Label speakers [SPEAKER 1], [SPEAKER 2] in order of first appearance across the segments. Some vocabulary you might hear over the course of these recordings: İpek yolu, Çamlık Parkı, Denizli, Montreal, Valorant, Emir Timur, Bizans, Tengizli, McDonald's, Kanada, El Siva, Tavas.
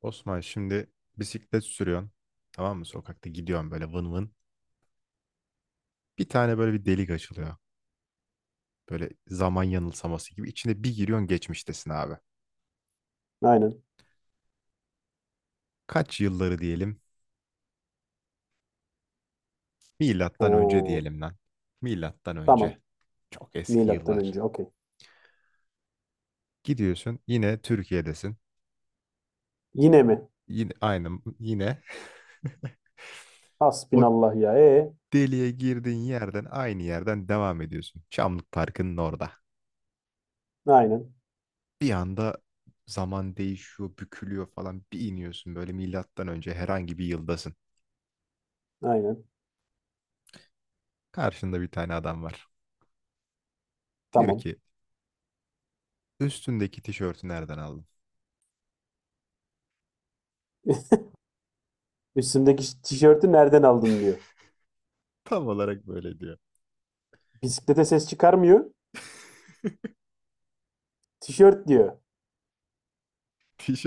[SPEAKER 1] Osman şimdi bisiklet sürüyorsun. Tamam mı? Sokakta gidiyorsun böyle vın vın. Bir tane böyle bir delik açılıyor. Böyle zaman yanılsaması gibi. İçine bir giriyorsun geçmiştesin abi.
[SPEAKER 2] Aynen.
[SPEAKER 1] Kaç yılları diyelim?
[SPEAKER 2] Ha,
[SPEAKER 1] Milattan önce diyelim lan. Milattan önce.
[SPEAKER 2] tamam.
[SPEAKER 1] Çok eski
[SPEAKER 2] Milattan
[SPEAKER 1] yıllar.
[SPEAKER 2] önce. Okey.
[SPEAKER 1] Gidiyorsun yine Türkiye'desin.
[SPEAKER 2] Yine mi?
[SPEAKER 1] Yine aynı yine o
[SPEAKER 2] Hasbinallah ya.
[SPEAKER 1] deliğe girdiğin yerden aynı yerden devam ediyorsun. Çamlık Parkı'nın orada.
[SPEAKER 2] Aynen.
[SPEAKER 1] Bir anda zaman değişiyor, bükülüyor falan. Bir iniyorsun böyle milattan önce herhangi bir yıldasın.
[SPEAKER 2] Aynen.
[SPEAKER 1] Karşında bir tane adam var. Diyor
[SPEAKER 2] Tamam.
[SPEAKER 1] ki üstündeki tişörtü nereden aldın?
[SPEAKER 2] Üstümdeki tişörtü nereden aldın diyor.
[SPEAKER 1] Tam olarak böyle diyor.
[SPEAKER 2] Bisiklete ses çıkarmıyor. Tişört diyor.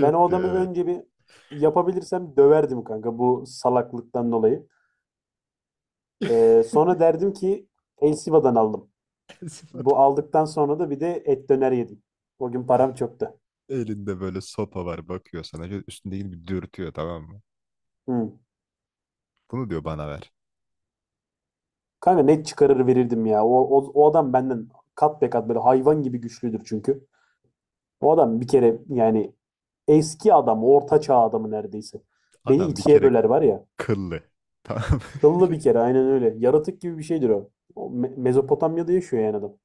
[SPEAKER 2] Ben o
[SPEAKER 1] diyor,
[SPEAKER 2] adamı
[SPEAKER 1] evet.
[SPEAKER 2] önce bir yapabilirsem döverdim kanka bu salaklıktan dolayı. Sonra derdim ki El Siva'dan aldım.
[SPEAKER 1] Esif adam.
[SPEAKER 2] Bu aldıktan sonra da bir de et döner yedim. O gün param çoktu.
[SPEAKER 1] Elinde böyle sopa var bakıyor sana. Şöyle üstündekini bir dürtüyor, tamam mı?
[SPEAKER 2] Hı.
[SPEAKER 1] Bunu diyor bana ver.
[SPEAKER 2] Kanka net çıkarır verirdim ya. O adam benden kat be kat böyle hayvan gibi güçlüdür çünkü. O adam bir kere yani eski adam, orta çağ adamı neredeyse. Beni
[SPEAKER 1] Adam bir
[SPEAKER 2] ikiye
[SPEAKER 1] kere
[SPEAKER 2] böler var ya.
[SPEAKER 1] kıllı. Tamam mı?
[SPEAKER 2] Kıllı bir kere aynen öyle. Yaratık gibi bir şeydir o. Mezopotamya'da yaşıyor yani adam.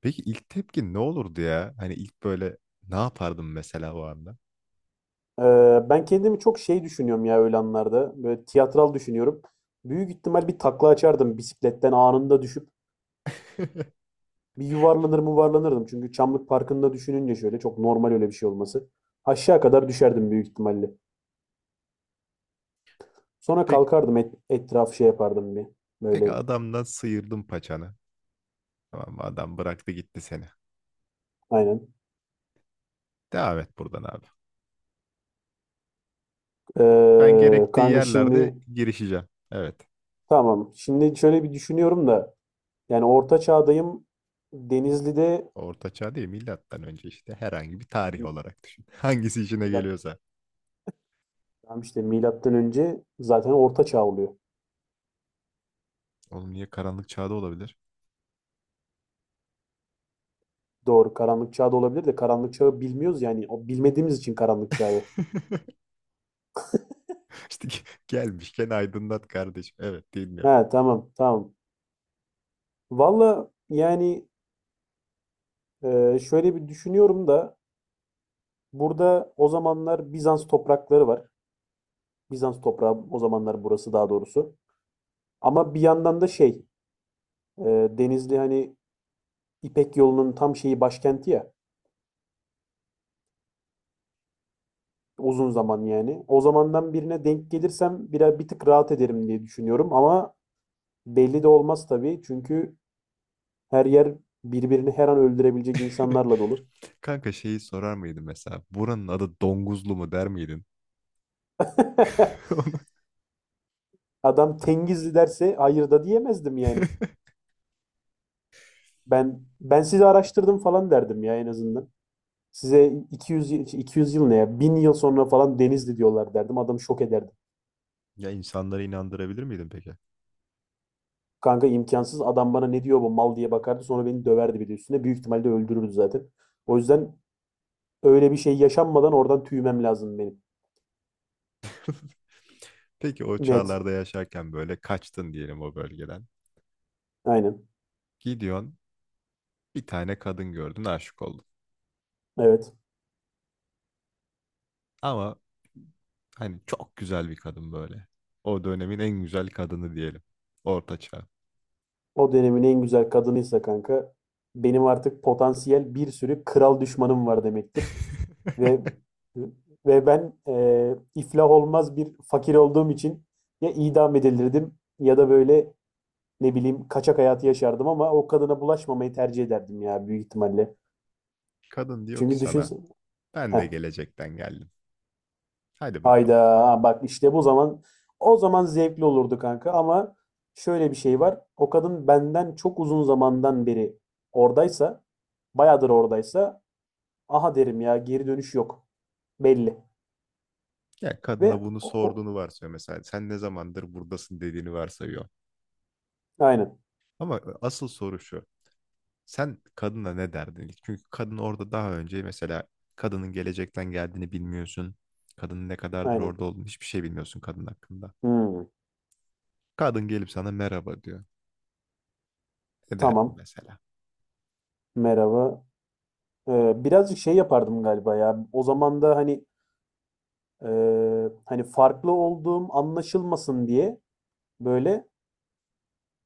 [SPEAKER 1] Peki ilk tepkin ne olurdu ya? Hani ilk böyle ne yapardım mesela o anda?
[SPEAKER 2] Ben kendimi çok şey düşünüyorum ya öyle anlarda. Böyle tiyatral düşünüyorum. Büyük ihtimal bir takla açardım bisikletten anında düşüp. Bir yuvarlanır mı yuvarlanırdım. Çünkü Çamlık Parkı'nda düşününce şöyle çok normal öyle bir şey olması. Aşağı kadar düşerdim büyük ihtimalle. Sonra
[SPEAKER 1] Peki
[SPEAKER 2] kalkardım etrafı şey yapardım bir.
[SPEAKER 1] Peki,
[SPEAKER 2] Böyle
[SPEAKER 1] adamdan sıyırdın paçanı. Tamam mı? Adam bıraktı gitti seni.
[SPEAKER 2] aynen.
[SPEAKER 1] Devam et buradan abi. Ben gerektiği
[SPEAKER 2] Kanka
[SPEAKER 1] yerlerde
[SPEAKER 2] şimdi
[SPEAKER 1] girişeceğim. Evet.
[SPEAKER 2] tamam. Şimdi şöyle bir düşünüyorum da yani orta çağdayım. Denizli'de
[SPEAKER 1] Orta çağ değil, milattan önce işte herhangi bir tarih olarak düşün. Hangisi işine
[SPEAKER 2] milat
[SPEAKER 1] geliyorsa.
[SPEAKER 2] Tamam işte milattan önce zaten orta çağ oluyor.
[SPEAKER 1] Oğlum niye, karanlık çağda olabilir?
[SPEAKER 2] Doğru karanlık çağ da olabilir de karanlık çağı bilmiyoruz yani o bilmediğimiz için karanlık çağı.
[SPEAKER 1] İşte gelmişken aydınlat kardeşim. Evet,
[SPEAKER 2] He
[SPEAKER 1] dinliyorum.
[SPEAKER 2] tamam tamam. Valla yani şöyle bir düşünüyorum da burada o zamanlar Bizans toprakları var. Bizans toprağı o zamanlar burası daha doğrusu. Ama bir yandan da e, Denizli hani İpek yolunun tam şeyi başkenti ya. Uzun zaman yani. O zamandan birine denk gelirsem biraz bir tık rahat ederim diye düşünüyorum. Ama belli de olmaz tabii. Çünkü her yer birbirini her an öldürebilecek insanlarla dolu.
[SPEAKER 1] Kanka şeyi sorar mıydın mesela? Buranın adı Donguzlu mu der miydin? Onu-
[SPEAKER 2] Adam Tengizli derse hayır da diyemezdim yani. Ben sizi araştırdım falan derdim ya en azından. Size 200 yıl ne ya? 1000 yıl sonra falan Denizli diyorlar derdim. Adam şok ederdi.
[SPEAKER 1] Ya insanları inandırabilir miydin peki?
[SPEAKER 2] Kanka imkansız adam bana ne diyor bu mal diye bakardı sonra beni döverdi bir de üstüne. Büyük ihtimalle öldürürdü zaten. O yüzden öyle bir şey yaşanmadan oradan tüymem lazım benim.
[SPEAKER 1] Peki o
[SPEAKER 2] Net.
[SPEAKER 1] çağlarda yaşarken böyle kaçtın diyelim o bölgeden.
[SPEAKER 2] Aynen.
[SPEAKER 1] Gidiyorsun bir tane kadın gördün aşık oldun.
[SPEAKER 2] Evet.
[SPEAKER 1] Ama hani çok güzel bir kadın böyle. O dönemin en güzel kadını diyelim. Orta çağ.
[SPEAKER 2] O dönemin en güzel kadınıysa kanka benim artık potansiyel bir sürü kral düşmanım var demektir. Ve ve ben iflah olmaz bir fakir olduğum için ya idam edilirdim ya da böyle ne bileyim kaçak hayatı yaşardım ama o kadına bulaşmamayı tercih ederdim ya büyük ihtimalle.
[SPEAKER 1] Kadın diyor ki
[SPEAKER 2] Çünkü
[SPEAKER 1] sana
[SPEAKER 2] düşünsene.
[SPEAKER 1] ben de gelecekten geldim. Hadi bakalım.
[SPEAKER 2] Hayda bak işte bu zaman o zaman zevkli olurdu kanka ama şöyle bir şey var. O kadın benden çok uzun zamandan beri oradaysa, bayağıdır oradaysa aha derim ya geri dönüş yok. Belli.
[SPEAKER 1] Ya
[SPEAKER 2] Ve
[SPEAKER 1] kadına bunu
[SPEAKER 2] o, o-
[SPEAKER 1] sorduğunu varsayıyor mesela. Sen ne zamandır buradasın dediğini varsayıyor.
[SPEAKER 2] aynen
[SPEAKER 1] Ama asıl soru şu. Sen kadına ne derdin ilk? Çünkü kadın orada daha önce mesela kadının gelecekten geldiğini bilmiyorsun. Kadının ne kadardır
[SPEAKER 2] aynen.
[SPEAKER 1] orada olduğunu hiçbir şey bilmiyorsun kadın hakkında.
[SPEAKER 2] Hmm,
[SPEAKER 1] Kadın gelip sana merhaba diyor. Ne derdin
[SPEAKER 2] tamam.
[SPEAKER 1] mesela?
[SPEAKER 2] Merhaba. Birazcık şey yapardım galiba ya. O zaman da hani e, hani farklı olduğum anlaşılmasın diye böyle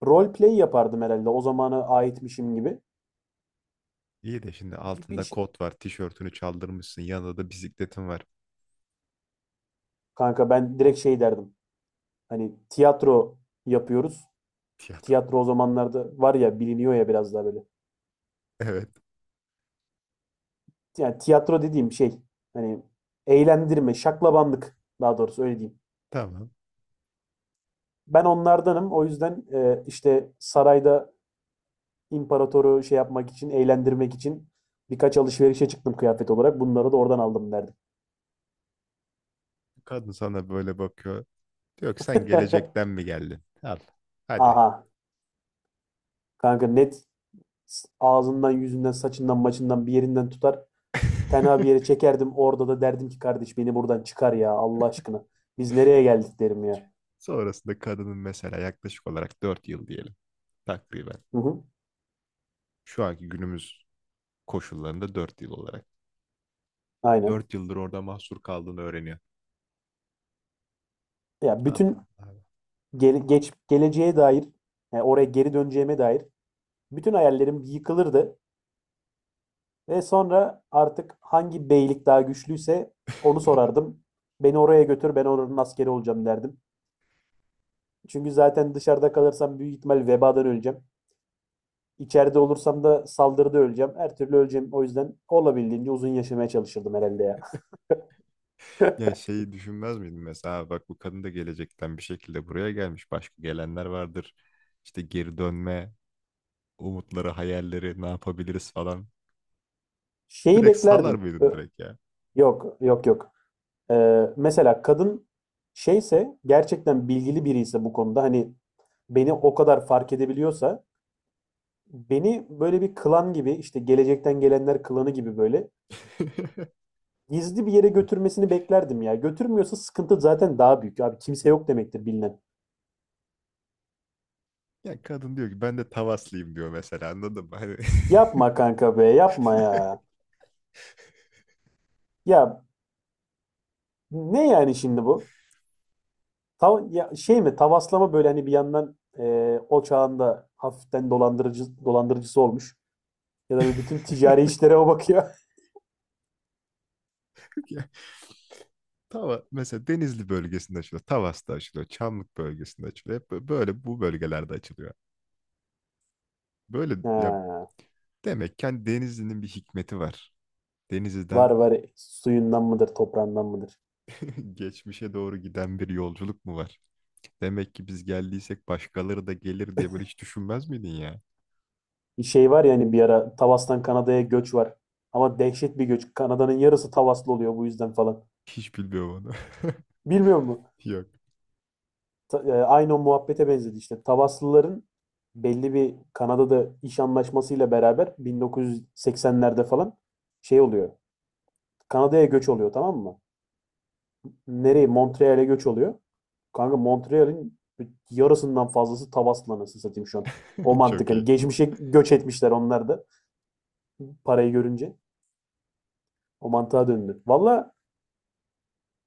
[SPEAKER 2] role play yapardım herhalde. O zamana aitmişim gibi.
[SPEAKER 1] İyi de şimdi
[SPEAKER 2] Bir,
[SPEAKER 1] altında
[SPEAKER 2] bir,
[SPEAKER 1] kot var, tişörtünü çaldırmışsın, yanında da bisikletin var.
[SPEAKER 2] Kanka ben direkt şey derdim. Hani tiyatro yapıyoruz.
[SPEAKER 1] Tiyatro.
[SPEAKER 2] Tiyatro o zamanlarda var ya biliniyor ya biraz daha böyle.
[SPEAKER 1] Evet,
[SPEAKER 2] Yani tiyatro dediğim şey hani eğlendirme, şaklabanlık daha doğrusu öyle diyeyim.
[SPEAKER 1] tamam.
[SPEAKER 2] Ben onlardanım. O yüzden işte sarayda imparatoru şey yapmak için, eğlendirmek için birkaç alışverişe çıktım kıyafet olarak. Bunları da oradan aldım derdim.
[SPEAKER 1] Kadın sana böyle bakıyor. Diyor ki sen gelecekten mi geldin? Al, hadi.
[SPEAKER 2] Aha kanka net ağzından, yüzünden, saçından, maçından bir yerinden tutar. Tenha bir yere çekerdim. Orada da derdim ki kardeş beni buradan çıkar ya Allah aşkına. Biz nereye geldik derim ya.
[SPEAKER 1] Sonrasında kadının mesela yaklaşık olarak 4 yıl diyelim, takriben.
[SPEAKER 2] Hı hı.
[SPEAKER 1] Şu anki günümüz koşullarında 4 yıl olarak.
[SPEAKER 2] Aynen.
[SPEAKER 1] 4 yıldır orada mahsur kaldığını öğreniyor.
[SPEAKER 2] Ya
[SPEAKER 1] Abi,
[SPEAKER 2] bütün
[SPEAKER 1] abi.
[SPEAKER 2] geç geleceğe dair, yani oraya geri döneceğime dair bütün hayallerim yıkılırdı ve sonra artık hangi beylik daha güçlüyse onu sorardım. Beni oraya götür, ben oranın askeri olacağım derdim. Çünkü zaten dışarıda kalırsam büyük ihtimal vebadan öleceğim. İçeride olursam da saldırıda öleceğim. Her türlü öleceğim. O yüzden olabildiğince uzun yaşamaya çalışırdım herhalde ya.
[SPEAKER 1] Ya şeyi düşünmez miydin mesela, bak bu kadın da gelecekten bir şekilde buraya gelmiş. Başka gelenler vardır. İşte geri dönme umutları, hayalleri, ne yapabiliriz falan.
[SPEAKER 2] Şeyi
[SPEAKER 1] Direkt salar
[SPEAKER 2] beklerdim.
[SPEAKER 1] mıydın direkt ya?
[SPEAKER 2] Yok, yok, yok. Mesela kadın şeyse gerçekten bilgili biri ise bu konuda hani beni o kadar fark edebiliyorsa beni böyle bir klan gibi işte gelecekten gelenler klanı gibi böyle gizli bir yere götürmesini beklerdim ya. Götürmüyorsa sıkıntı zaten daha büyük. Abi kimse yok demektir bilinen.
[SPEAKER 1] Ya kadın diyor ki ben de Tavaslıyım diyor mesela, anladın mı? Hani...
[SPEAKER 2] Yapma kanka be yapma ya. Ya ne yani şimdi bu? Tav ya şey mi tavaslama böyle hani bir yandan o çağında hafiften dolandırıcısı olmuş. Ya da bütün ticari işlere o bakıyor.
[SPEAKER 1] Ya, mesela Denizli bölgesinde açılıyor. Tavas'ta açılıyor. Çamlık bölgesinde açılıyor. Hep böyle bu bölgelerde açılıyor. Böyle ya.
[SPEAKER 2] Ha,
[SPEAKER 1] Demek ki hani, Denizli'nin bir hikmeti var. Denizli'den
[SPEAKER 2] var suyundan mıdır toprağından mıdır?
[SPEAKER 1] geçmişe doğru giden bir yolculuk mu var? Demek ki biz geldiysek başkaları da gelir diye böyle hiç düşünmez miydin ya?
[SPEAKER 2] Bir şey var ya hani bir ara Tavas'tan Kanada'ya göç var. Ama dehşet bir göç. Kanada'nın yarısı Tavaslı oluyor bu yüzden falan.
[SPEAKER 1] Hiç bilmiyorum onu.
[SPEAKER 2] Bilmiyor musun?
[SPEAKER 1] Yok.
[SPEAKER 2] Aynı o muhabbete benzedi işte. Tavaslıların belli bir Kanada'da iş anlaşmasıyla beraber 1980'lerde falan şey oluyor. Kanada'ya göç oluyor tamam mı? Nereye? Montreal'e göç oluyor. Kanka Montreal'in yarısından fazlası Tavas'la nasıl satayım şu an. O mantık
[SPEAKER 1] Çok
[SPEAKER 2] hani
[SPEAKER 1] iyi.
[SPEAKER 2] geçmişe göç etmişler onlar da parayı görünce. O mantığa döndü. Valla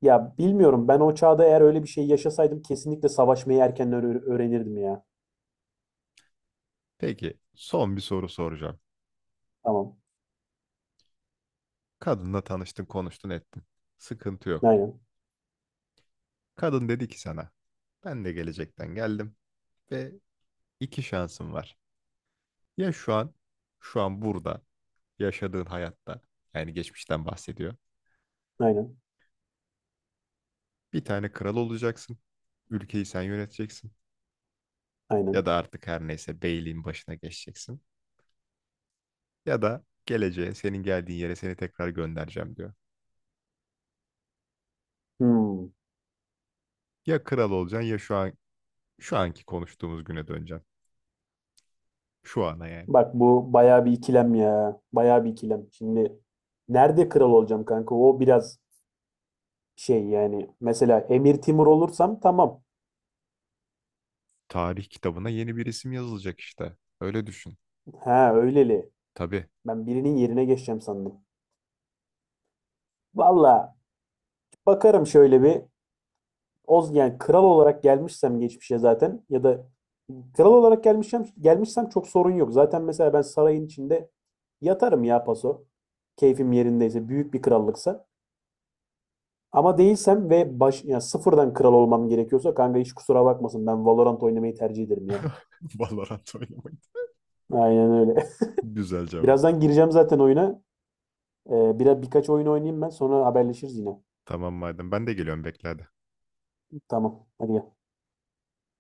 [SPEAKER 2] ya bilmiyorum ben o çağda eğer öyle bir şey yaşasaydım kesinlikle savaşmayı erken öğrenirdim ya.
[SPEAKER 1] Peki son bir soru soracağım.
[SPEAKER 2] Tamam.
[SPEAKER 1] Kadınla tanıştın, konuştun, ettin. Sıkıntı yok.
[SPEAKER 2] Aynen.
[SPEAKER 1] Kadın dedi ki sana, ben de gelecekten geldim ve iki şansım var. Ya şu an, şu an burada yaşadığın hayatta, yani geçmişten bahsediyor.
[SPEAKER 2] Aynen.
[SPEAKER 1] Bir tane kral olacaksın. Ülkeyi sen yöneteceksin. Ya
[SPEAKER 2] Aynen.
[SPEAKER 1] da artık her neyse beyliğin başına geçeceksin. Ya da geleceğe, senin geldiğin yere seni tekrar göndereceğim diyor.
[SPEAKER 2] Hmm.
[SPEAKER 1] Ya kral olacaksın ya şu an, şu anki konuştuğumuz güne döneceksin. Şu ana yani.
[SPEAKER 2] Bak bu bayağı bir ikilem ya. Bayağı bir ikilem. Şimdi nerede kral olacağım kanka? O biraz şey yani. Mesela Emir Timur olursam tamam.
[SPEAKER 1] Tarih kitabına yeni bir isim yazılacak işte. Öyle düşün.
[SPEAKER 2] Ha öyleli.
[SPEAKER 1] Tabii.
[SPEAKER 2] Ben birinin yerine geçeceğim sandım. Valla bakarım şöyle bir. Oz yani kral olarak gelmişsem geçmişe zaten ya da kral olarak gelmişsem çok sorun yok. Zaten mesela ben sarayın içinde yatarım ya paso. Keyfim yerindeyse büyük bir krallıksa. Ama değilsem ve baş ya sıfırdan kral olmam gerekiyorsa kanka hiç kusura bakmasın ben Valorant oynamayı tercih ederim ya.
[SPEAKER 1] Valorant oynamayı.
[SPEAKER 2] Aynen öyle.
[SPEAKER 1] Güzel cevap.
[SPEAKER 2] Birazdan gireceğim zaten oyuna. Biraz birkaç oyun oynayayım ben sonra haberleşiriz yine.
[SPEAKER 1] Tamam madem, ben de geliyorum, bekle hadi.
[SPEAKER 2] Tamam. Hadi